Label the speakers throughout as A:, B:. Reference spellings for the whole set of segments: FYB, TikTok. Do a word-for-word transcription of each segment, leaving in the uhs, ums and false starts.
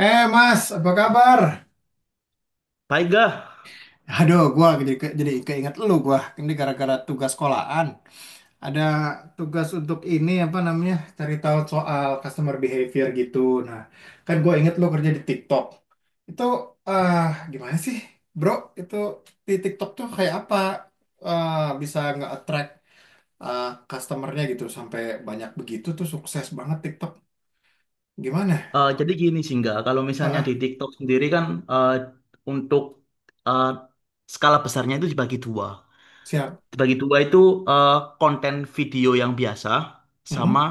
A: Eh Mas, apa kabar?
B: Baiklah,
A: Aduh, gua jadi ke- jadi keinget lu gua. Ini gara-gara tugas sekolahan. Ada tugas untuk ini apa namanya? Cari tahu soal customer behavior gitu. Nah, kan gua inget lu kerja di TikTok. Itu eh gimana sih, Bro? Itu di TikTok tuh kayak apa? Eh bisa nggak attract eh, customer gitu sampai banyak begitu tuh sukses banget TikTok. Gimana?
B: eh jadi gini sih nggak, kalau
A: Ah,
B: misalnya di
A: ah,
B: TikTok sendiri kan eh, untuk eh, skala besarnya itu dibagi dua.
A: siap.
B: Dibagi dua itu eh, konten video yang biasa sama
A: Mm-mm.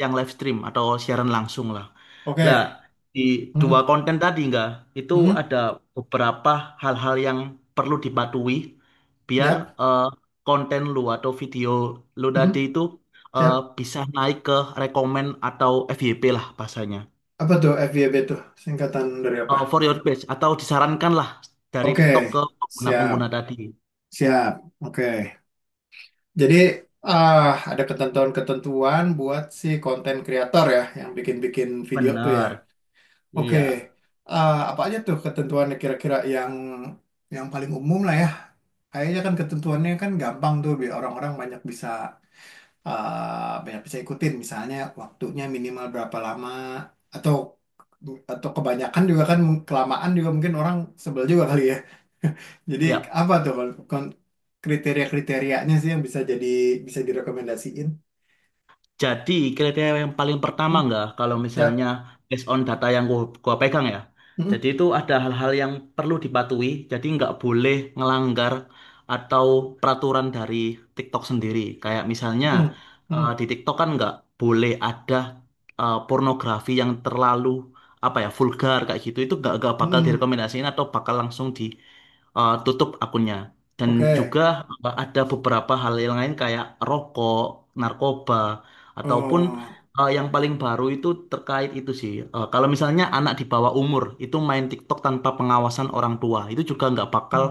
B: yang live stream atau siaran langsung lah. Lah,
A: Oke.
B: di dua
A: Mm-mm.
B: konten tadi nggak, itu
A: Mm-mm.
B: ada beberapa hal-hal yang perlu dipatuhi biar
A: Ya.
B: eh, konten lu atau video lu tadi
A: Mm-mm.
B: itu eh,
A: Siap.
B: bisa naik ke rekomen atau F Y P lah bahasanya.
A: Apa tuh F Y B tuh? Singkatan dari apa?
B: eh, for your page atau disarankanlah dari TikTok
A: Oke,
B: ke pengguna-pengguna
A: siap,
B: tadi.
A: siap. Oke. Jadi ah ada ketentuan-ketentuan buat si konten kreator ya yang bikin-bikin video tuh ya.
B: Benar.
A: Oke.
B: Iya.
A: Ah, apa aja tuh ketentuannya kira-kira yang yang paling umum lah ya? Kayaknya kan ketentuannya kan gampang tuh biar orang-orang banyak bisa eh banyak bisa ikutin, misalnya waktunya minimal berapa lama, atau atau kebanyakan juga kan mung- kelamaan juga mungkin orang sebel juga kali ya. Jadi
B: Iya.
A: apa tuh kon- kon- kriteria-kriterianya sih yang bisa jadi bisa direkomendasiin?
B: Jadi kriteria yang paling pertama
A: Hmm,
B: nggak kalau
A: siap.
B: misalnya based on data yang gua, gua pegang ya.
A: Hmm,
B: Jadi itu ada hal-hal yang perlu dipatuhi. Jadi nggak boleh ngelanggar atau peraturan dari TikTok sendiri. Kayak misalnya
A: hmm, hmm,
B: eh, di TikTok kan nggak boleh ada eh, pornografi yang terlalu apa ya vulgar kayak gitu. Itu nggak nggak bakal
A: hmm.
B: direkomendasiin atau bakal langsung ditutup akunnya. Dan
A: Oke.
B: juga eh, ada beberapa hal yang lain kayak rokok, narkoba. Ataupun
A: Oh.
B: eh, yang paling baru itu terkait itu sih. Eh, kalau misalnya anak di bawah umur itu main TikTok tanpa pengawasan orang tua, itu juga nggak bakal
A: Hmm.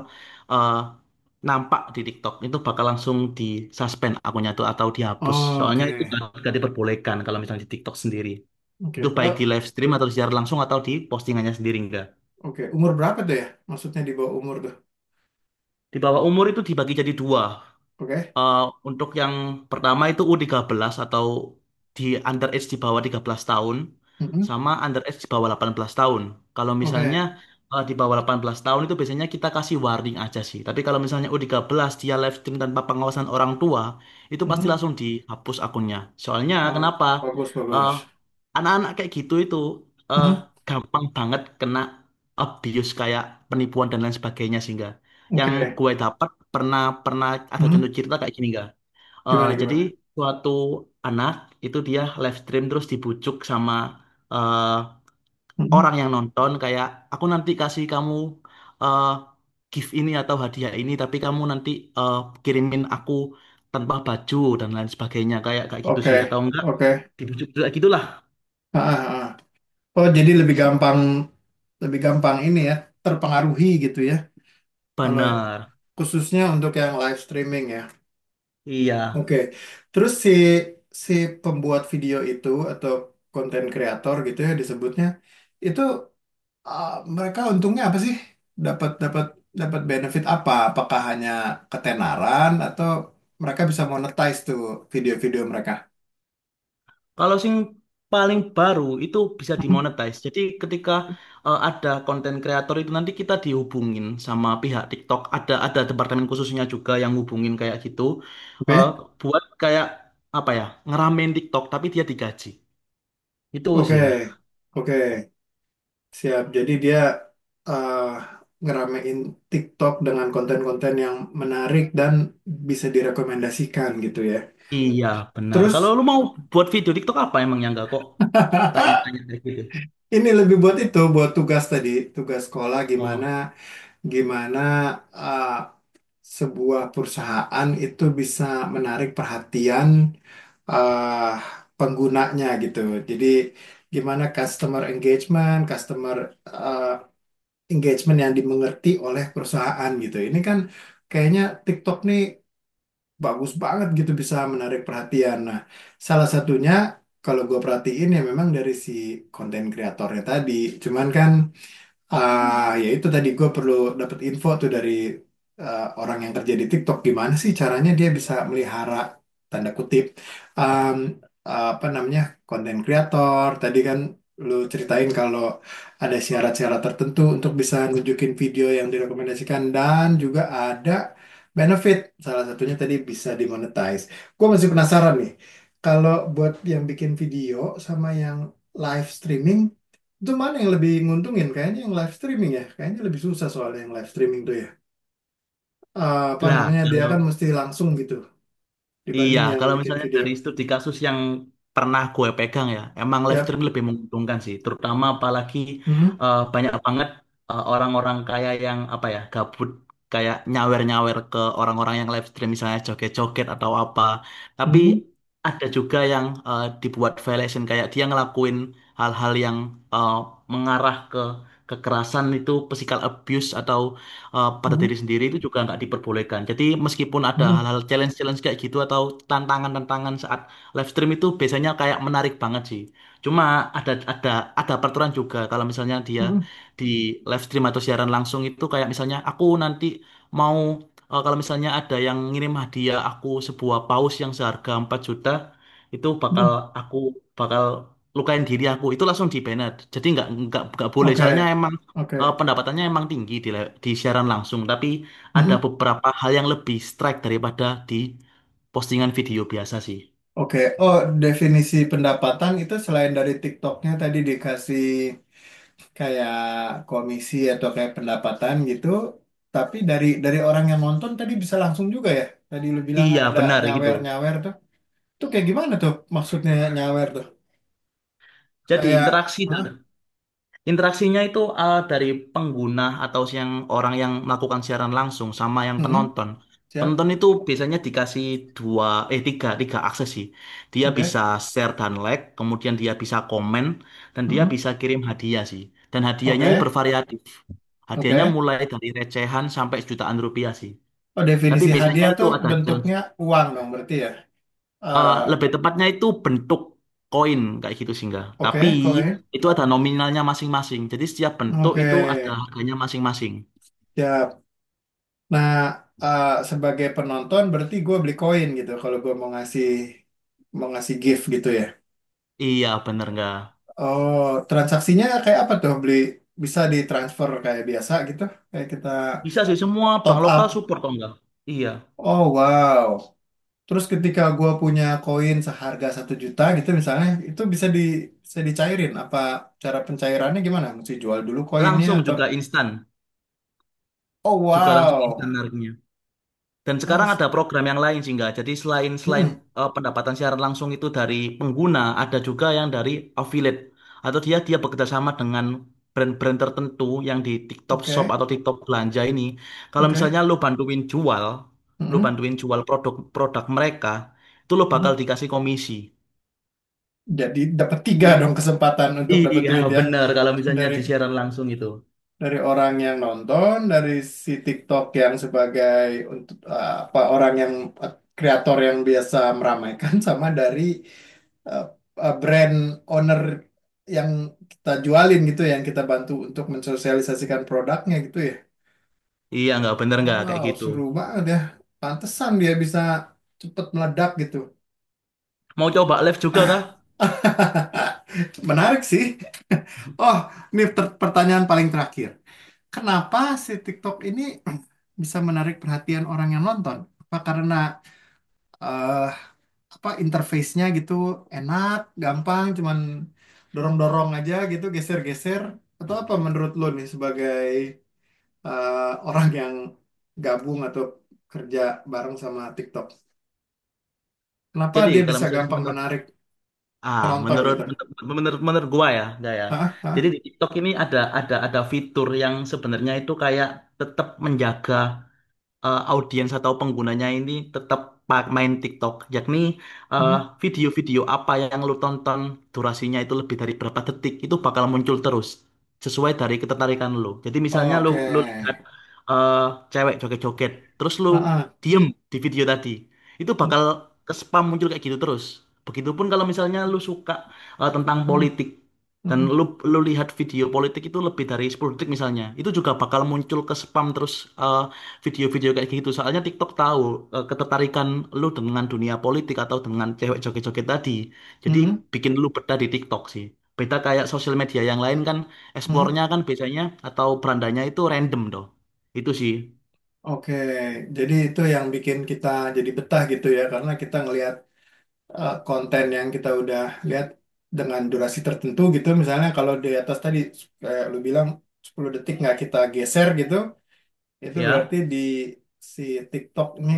B: eh, nampak di TikTok. Itu bakal langsung di suspend akunnya tuh atau dihapus.
A: Oh,
B: Soalnya itu nggak
A: oke.
B: nggak diperbolehkan kalau misalnya di TikTok sendiri. Itu
A: Oke.
B: baik di
A: Oh,
B: live stream atau secara langsung atau di postingannya sendiri enggak.
A: oke. Umur berapa tuh ya? Maksudnya di bawah umur tuh.
B: Di bawah umur itu dibagi jadi dua.
A: Oke.
B: Eh, untuk yang pertama itu U tiga belas atau di under age di bawah tiga belas tahun
A: Hmm, hmm,
B: sama under age di bawah delapan belas tahun. Kalau misalnya
A: oke.
B: eh, di bawah delapan belas tahun itu biasanya kita kasih warning aja sih. Tapi kalau misalnya U tiga belas dia live stream tanpa pengawasan orang tua, itu pasti
A: Hmm.
B: langsung dihapus akunnya. Soalnya
A: Oh,
B: kenapa?
A: bagus,
B: Eh,
A: bagus.
B: Anak-anak kayak gitu itu eh,
A: Hmm,
B: gampang banget kena abuse kayak penipuan dan lain sebagainya sehingga yang
A: oke.
B: gue dapat pernah pernah ada
A: Hmm?
B: contoh cerita kayak gini gak? Eh,
A: Gimana,
B: jadi
A: gimana?
B: suatu anak itu dia live stream terus dibujuk sama eh,
A: Hmm?
B: orang yang nonton kayak aku nanti kasih kamu eh, gift ini atau hadiah ini tapi kamu nanti eh, kirimin aku tanpa baju dan lain sebagainya kayak kayak gitu sih atau
A: Oke,
B: enggak
A: oke.
B: dibujuk kayak gitulah.
A: Ah, ah, ah. Oh, jadi lebih gampang, lebih gampang ini ya, terpengaruhi gitu ya. Kalau
B: Bener.
A: khususnya untuk yang live streaming ya.
B: Iya.
A: Oke. Terus si si pembuat video itu atau konten kreator gitu ya disebutnya, itu ah, mereka untungnya apa sih? Dapat dapat dapat benefit apa? Apakah hanya ketenaran atau mereka bisa monetize tuh video-video mereka?
B: Kalau sing paling baru itu bisa
A: Hmm?
B: dimonetize. Jadi ketika eh, ada konten kreator itu nanti kita dihubungin sama pihak TikTok. Ada ada departemen khususnya juga yang hubungin kayak gitu eh,
A: Oke.
B: buat kayak apa ya ngeramein TikTok tapi dia digaji. Itu sih, Kak.
A: Oke, oke, siap. Jadi dia eh, ngeramein TikTok dengan konten-konten yang menarik dan bisa direkomendasikan gitu ya.
B: Iya, benar. Kalau
A: Terus
B: lu mau buat video TikTok apa emang yang enggak kok tanya-tanya kayak gitu.
A: ini lebih buat itu, buat tugas tadi, tugas sekolah gimana,
B: Oh.
A: gimana eh, sebuah perusahaan itu bisa menarik perhatian eh, penggunanya gitu. Jadi gimana customer engagement, customer eh, engagement yang dimengerti oleh perusahaan gitu. Ini kan kayaknya TikTok nih bagus banget gitu bisa menarik perhatian. Nah, salah satunya kalau gue perhatiin ya memang dari si konten kreatornya tadi. Cuman kan ah, ya itu tadi gue perlu dapat info tuh dari eh, orang yang kerja di TikTok gimana sih caranya dia bisa melihara, tanda kutip, em, apa namanya, konten kreator. Tadi kan lu ceritain kalau ada syarat-syarat tertentu untuk bisa nunjukin video yang direkomendasikan dan juga ada benefit. Salah satunya tadi bisa dimonetize. Gue masih penasaran nih. Kalau buat yang bikin video sama yang live streaming, itu mana yang lebih nguntungin? Kayaknya yang live streaming ya. Kayaknya lebih susah soalnya yang live streaming tuh ya. Eh, apa
B: Lah
A: namanya? Dia
B: kalau
A: kan mesti langsung gitu
B: Iya,
A: dibanding yang
B: kalau
A: bikin
B: misalnya
A: video.
B: dari studi kasus yang pernah gue pegang ya, emang live
A: Ya.
B: stream lebih menguntungkan sih, terutama apalagi
A: Hmm,
B: eh, banyak banget eh, orang-orang kaya yang apa ya, gabut kayak nyawer-nyawer ke orang-orang yang live stream misalnya joget-joget atau apa. Tapi
A: hmm,
B: ada juga yang eh, dibuat violation kayak dia ngelakuin hal-hal yang eh, mengarah ke kekerasan itu physical abuse atau eh, pada
A: hmm,
B: diri sendiri itu juga nggak diperbolehkan. Jadi meskipun ada
A: hmm,
B: hal-hal challenge-challenge kayak gitu atau tantangan-tantangan saat live stream itu biasanya kayak menarik banget sih. Cuma ada ada ada peraturan juga kalau misalnya dia
A: hmm,
B: di live stream atau siaran langsung itu kayak misalnya aku nanti mau eh, kalau misalnya ada yang ngirim hadiah aku sebuah paus yang seharga empat juta itu bakal
A: hmm.
B: aku bakal lukain diri aku itu langsung di banned. Jadi nggak nggak nggak boleh soalnya
A: Oke,
B: emang eh,
A: oke,
B: pendapatannya emang tinggi di, le- di siaran langsung, tapi ada
A: hmm,
B: beberapa hal yang lebih strike daripada di postingan video biasa sih.
A: oke. Oh, definisi pendapatan itu selain dari TikToknya tadi dikasih kayak komisi atau kayak pendapatan gitu, tapi dari dari orang yang nonton tadi bisa langsung juga ya. Tadi lu bilang kan
B: Iya,
A: ada
B: benar gitu.
A: nyawer-nyawer tuh. Itu kayak gimana tuh maksudnya nyawer tuh?
B: Jadi
A: Kayak,
B: interaksi
A: hah?
B: dan Interaksinya itu eh, dari pengguna atau yang orang yang melakukan siaran langsung sama yang
A: Hmm,
B: penonton.
A: siap,
B: Penonton itu biasanya dikasih dua, eh tiga, tiga akses sih. Dia bisa
A: oke,
B: share dan like, kemudian dia bisa komen, dan dia
A: hmm,
B: bisa kirim hadiah sih. Dan hadiahnya ini
A: oke,
B: bervariatif. Hadiahnya
A: oke.
B: mulai dari recehan sampai jutaan rupiah sih.
A: Oh,
B: Tapi
A: definisi
B: biasanya
A: hadiah
B: itu
A: tuh
B: ada challenge.
A: bentuknya uang dong berarti ya?
B: Eh,
A: Eh,
B: lebih tepatnya itu bentuk koin kayak gitu sih enggak.
A: oke,
B: Tapi
A: koin,
B: itu ada nominalnya masing-masing. Jadi setiap bentuk
A: oke,
B: itu ada harganya masing-masing.
A: siap. Nah, eh, sebagai penonton berarti gue beli koin gitu kalau gue mau ngasih, mau ngasih gift gitu ya.
B: Iya, bener nggak?
A: Oh, transaksinya kayak apa tuh? Beli bisa ditransfer kayak biasa gitu? Kayak kita
B: Bisa sih semua bank
A: top
B: lokal
A: up.
B: support kok enggak? Iya.
A: Oh, wow. Terus ketika gua punya koin seharga satu juta gitu misalnya, itu bisa di bisa dicairin. Apa cara pencairannya gimana? Mesti jual dulu koinnya
B: Langsung
A: atau
B: juga instan.
A: oh
B: Juga langsung instan
A: wow,
B: harganya. Dan sekarang
A: As.
B: ada program yang lain sih nggak. Jadi selain selain
A: Mm-mm.
B: eh, pendapatan siaran langsung itu dari pengguna, ada juga yang dari affiliate atau dia dia bekerja sama dengan brand-brand tertentu yang di TikTok Shop
A: Oke.
B: atau TikTok belanja ini. Kalau misalnya
A: Oke.
B: lu bantuin jual, lu
A: Mm-mm.
B: bantuin jual produk-produk mereka, itu lu bakal
A: Mm-mm.
B: dikasih komisi.
A: Jadi dapat tiga
B: I-
A: dong kesempatan untuk dapat
B: iya,
A: duit ya,
B: bener kalau misalnya
A: dari
B: di siaran langsung itu.
A: dari orang yang nonton, dari si TikTok yang sebagai untuk eh, apa, orang yang eh, kreator yang biasa meramaikan sama dari eh, eh, brand owner yang kita jualin gitu, ya, yang kita bantu untuk mensosialisasikan produknya gitu ya.
B: Iya, nggak bener nggak kayak
A: Wow,
B: gitu.
A: seru banget ya. Pantesan dia bisa cepet meledak gitu.
B: Mau coba live juga kah?
A: Menarik sih. Oh, ini per- pertanyaan paling terakhir. Kenapa si TikTok ini bisa menarik perhatian orang yang nonton? Apa karena eh apa interface-nya gitu enak, gampang, cuman dorong-dorong aja gitu, geser-geser? Atau apa menurut lo nih sebagai eh, orang yang gabung atau kerja bareng sama TikTok? Kenapa
B: Jadi
A: dia
B: kalau
A: bisa
B: misalnya
A: gampang
B: menu
A: menarik
B: Ah,
A: penonton
B: menurut
A: gitu?
B: menurut menurut, menurut gua ya, enggak ya.
A: Hah?
B: Jadi di TikTok ini ada ada ada fitur yang sebenarnya itu kayak tetap menjaga eh, audiens atau penggunanya ini tetap pa- main TikTok, yakni eh,
A: Hmm.
B: video-video apa yang lu tonton durasinya itu lebih dari berapa detik itu bakal muncul terus sesuai dari ketertarikan lu. Jadi misalnya lu
A: Oke.
B: lu lihat eh, cewek joget-joget, terus lu
A: Ah, ah.
B: diem di video tadi, itu bakal ke spam muncul kayak gitu terus. Begitupun kalau misalnya lu suka eh, tentang
A: Hmm,
B: politik
A: hmm,
B: dan
A: hmm,
B: lu lu lihat video politik itu lebih dari sepuluh detik misalnya, itu juga bakal muncul ke spam terus eh, video-video kayak gitu. Soalnya TikTok tahu eh, ketertarikan lu dengan dunia politik atau dengan cewek joget-joget tadi. Jadi
A: hmm,
B: bikin lu betah di TikTok sih. Beda kayak sosial media yang lain kan
A: hmm.
B: explore-nya kan biasanya atau berandanya itu random doh. Itu sih,
A: Oke, jadi itu yang bikin kita jadi betah gitu ya, karena kita ngelihat eh, konten yang kita udah lihat dengan durasi tertentu gitu. Misalnya kalau di atas tadi kayak lu bilang sepuluh detik nggak kita geser gitu, itu berarti
B: ya.
A: di si TikTok ini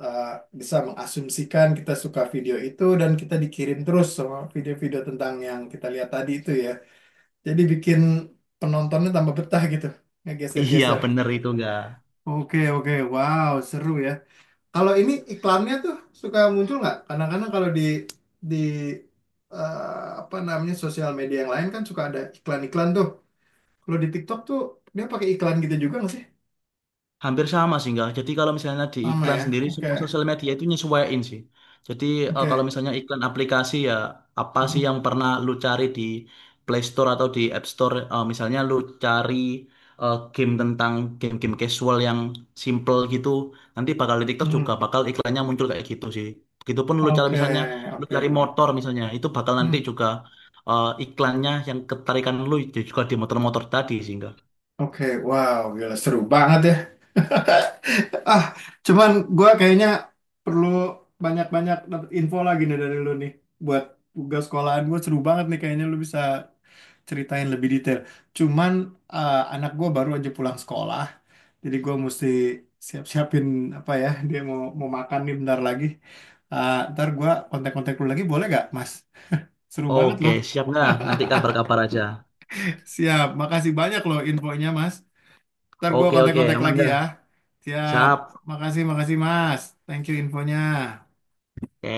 A: eh, bisa mengasumsikan kita suka video itu dan kita dikirim terus sama video-video tentang yang kita lihat tadi itu ya. Jadi bikin penontonnya tambah betah gitu,
B: Iya,
A: ngegeser-geser.
B: bener itu enggak.
A: Oke, oke, wow, seru ya. Kalau ini iklannya tuh suka muncul nggak? Kadang-kadang kalau di di eh, apa namanya, sosial media yang lain kan suka ada iklan-iklan tuh. Kalau di TikTok tuh dia pakai iklan gitu juga nggak sih?
B: Hampir sama sih enggak. Jadi kalau misalnya di
A: Sama
B: iklan
A: ya.
B: sendiri
A: Oke,
B: semua sosial media itu nyesuaiin sih. Jadi eh, kalau
A: oke,
B: misalnya iklan aplikasi ya apa sih
A: mm-mm,
B: yang pernah lu cari di Play Store atau di App Store. Eh, misalnya lu cari eh, game tentang game-game casual yang simple gitu nanti bakal di TikTok
A: mm-mm.
B: juga bakal iklannya muncul kayak gitu sih. Begitupun lu cari
A: Oke,
B: misalnya lu
A: oke.
B: cari motor misalnya itu bakal nanti
A: Hmm.
B: juga eh, iklannya yang ketarikan lu juga di motor-motor tadi sih enggak.
A: Oke, wow, gila seru banget ya. Ah, cuman gua kayaknya perlu banyak-banyak dapet info lagi nih dari lu nih buat tugas sekolahan gue. Seru banget nih kayaknya lu bisa ceritain lebih detail. Cuman eh, anak gue baru aja pulang sekolah, jadi gue mesti siap-siapin, apa ya, dia mau mau makan nih bentar lagi. Eh, ntar gue kontak-kontak lu lagi boleh gak, Mas? Seru banget
B: Oke,
A: loh.
B: siap nggak? Nanti kabar-kabar aja.
A: Siap, makasih banyak loh infonya, Mas. Ntar gue
B: Oke, oke,
A: kontak-kontak
B: aman
A: lagi
B: nggak?
A: ya. Siap.
B: Siap.
A: Makasih, makasih Mas. Thank you infonya.
B: Oke,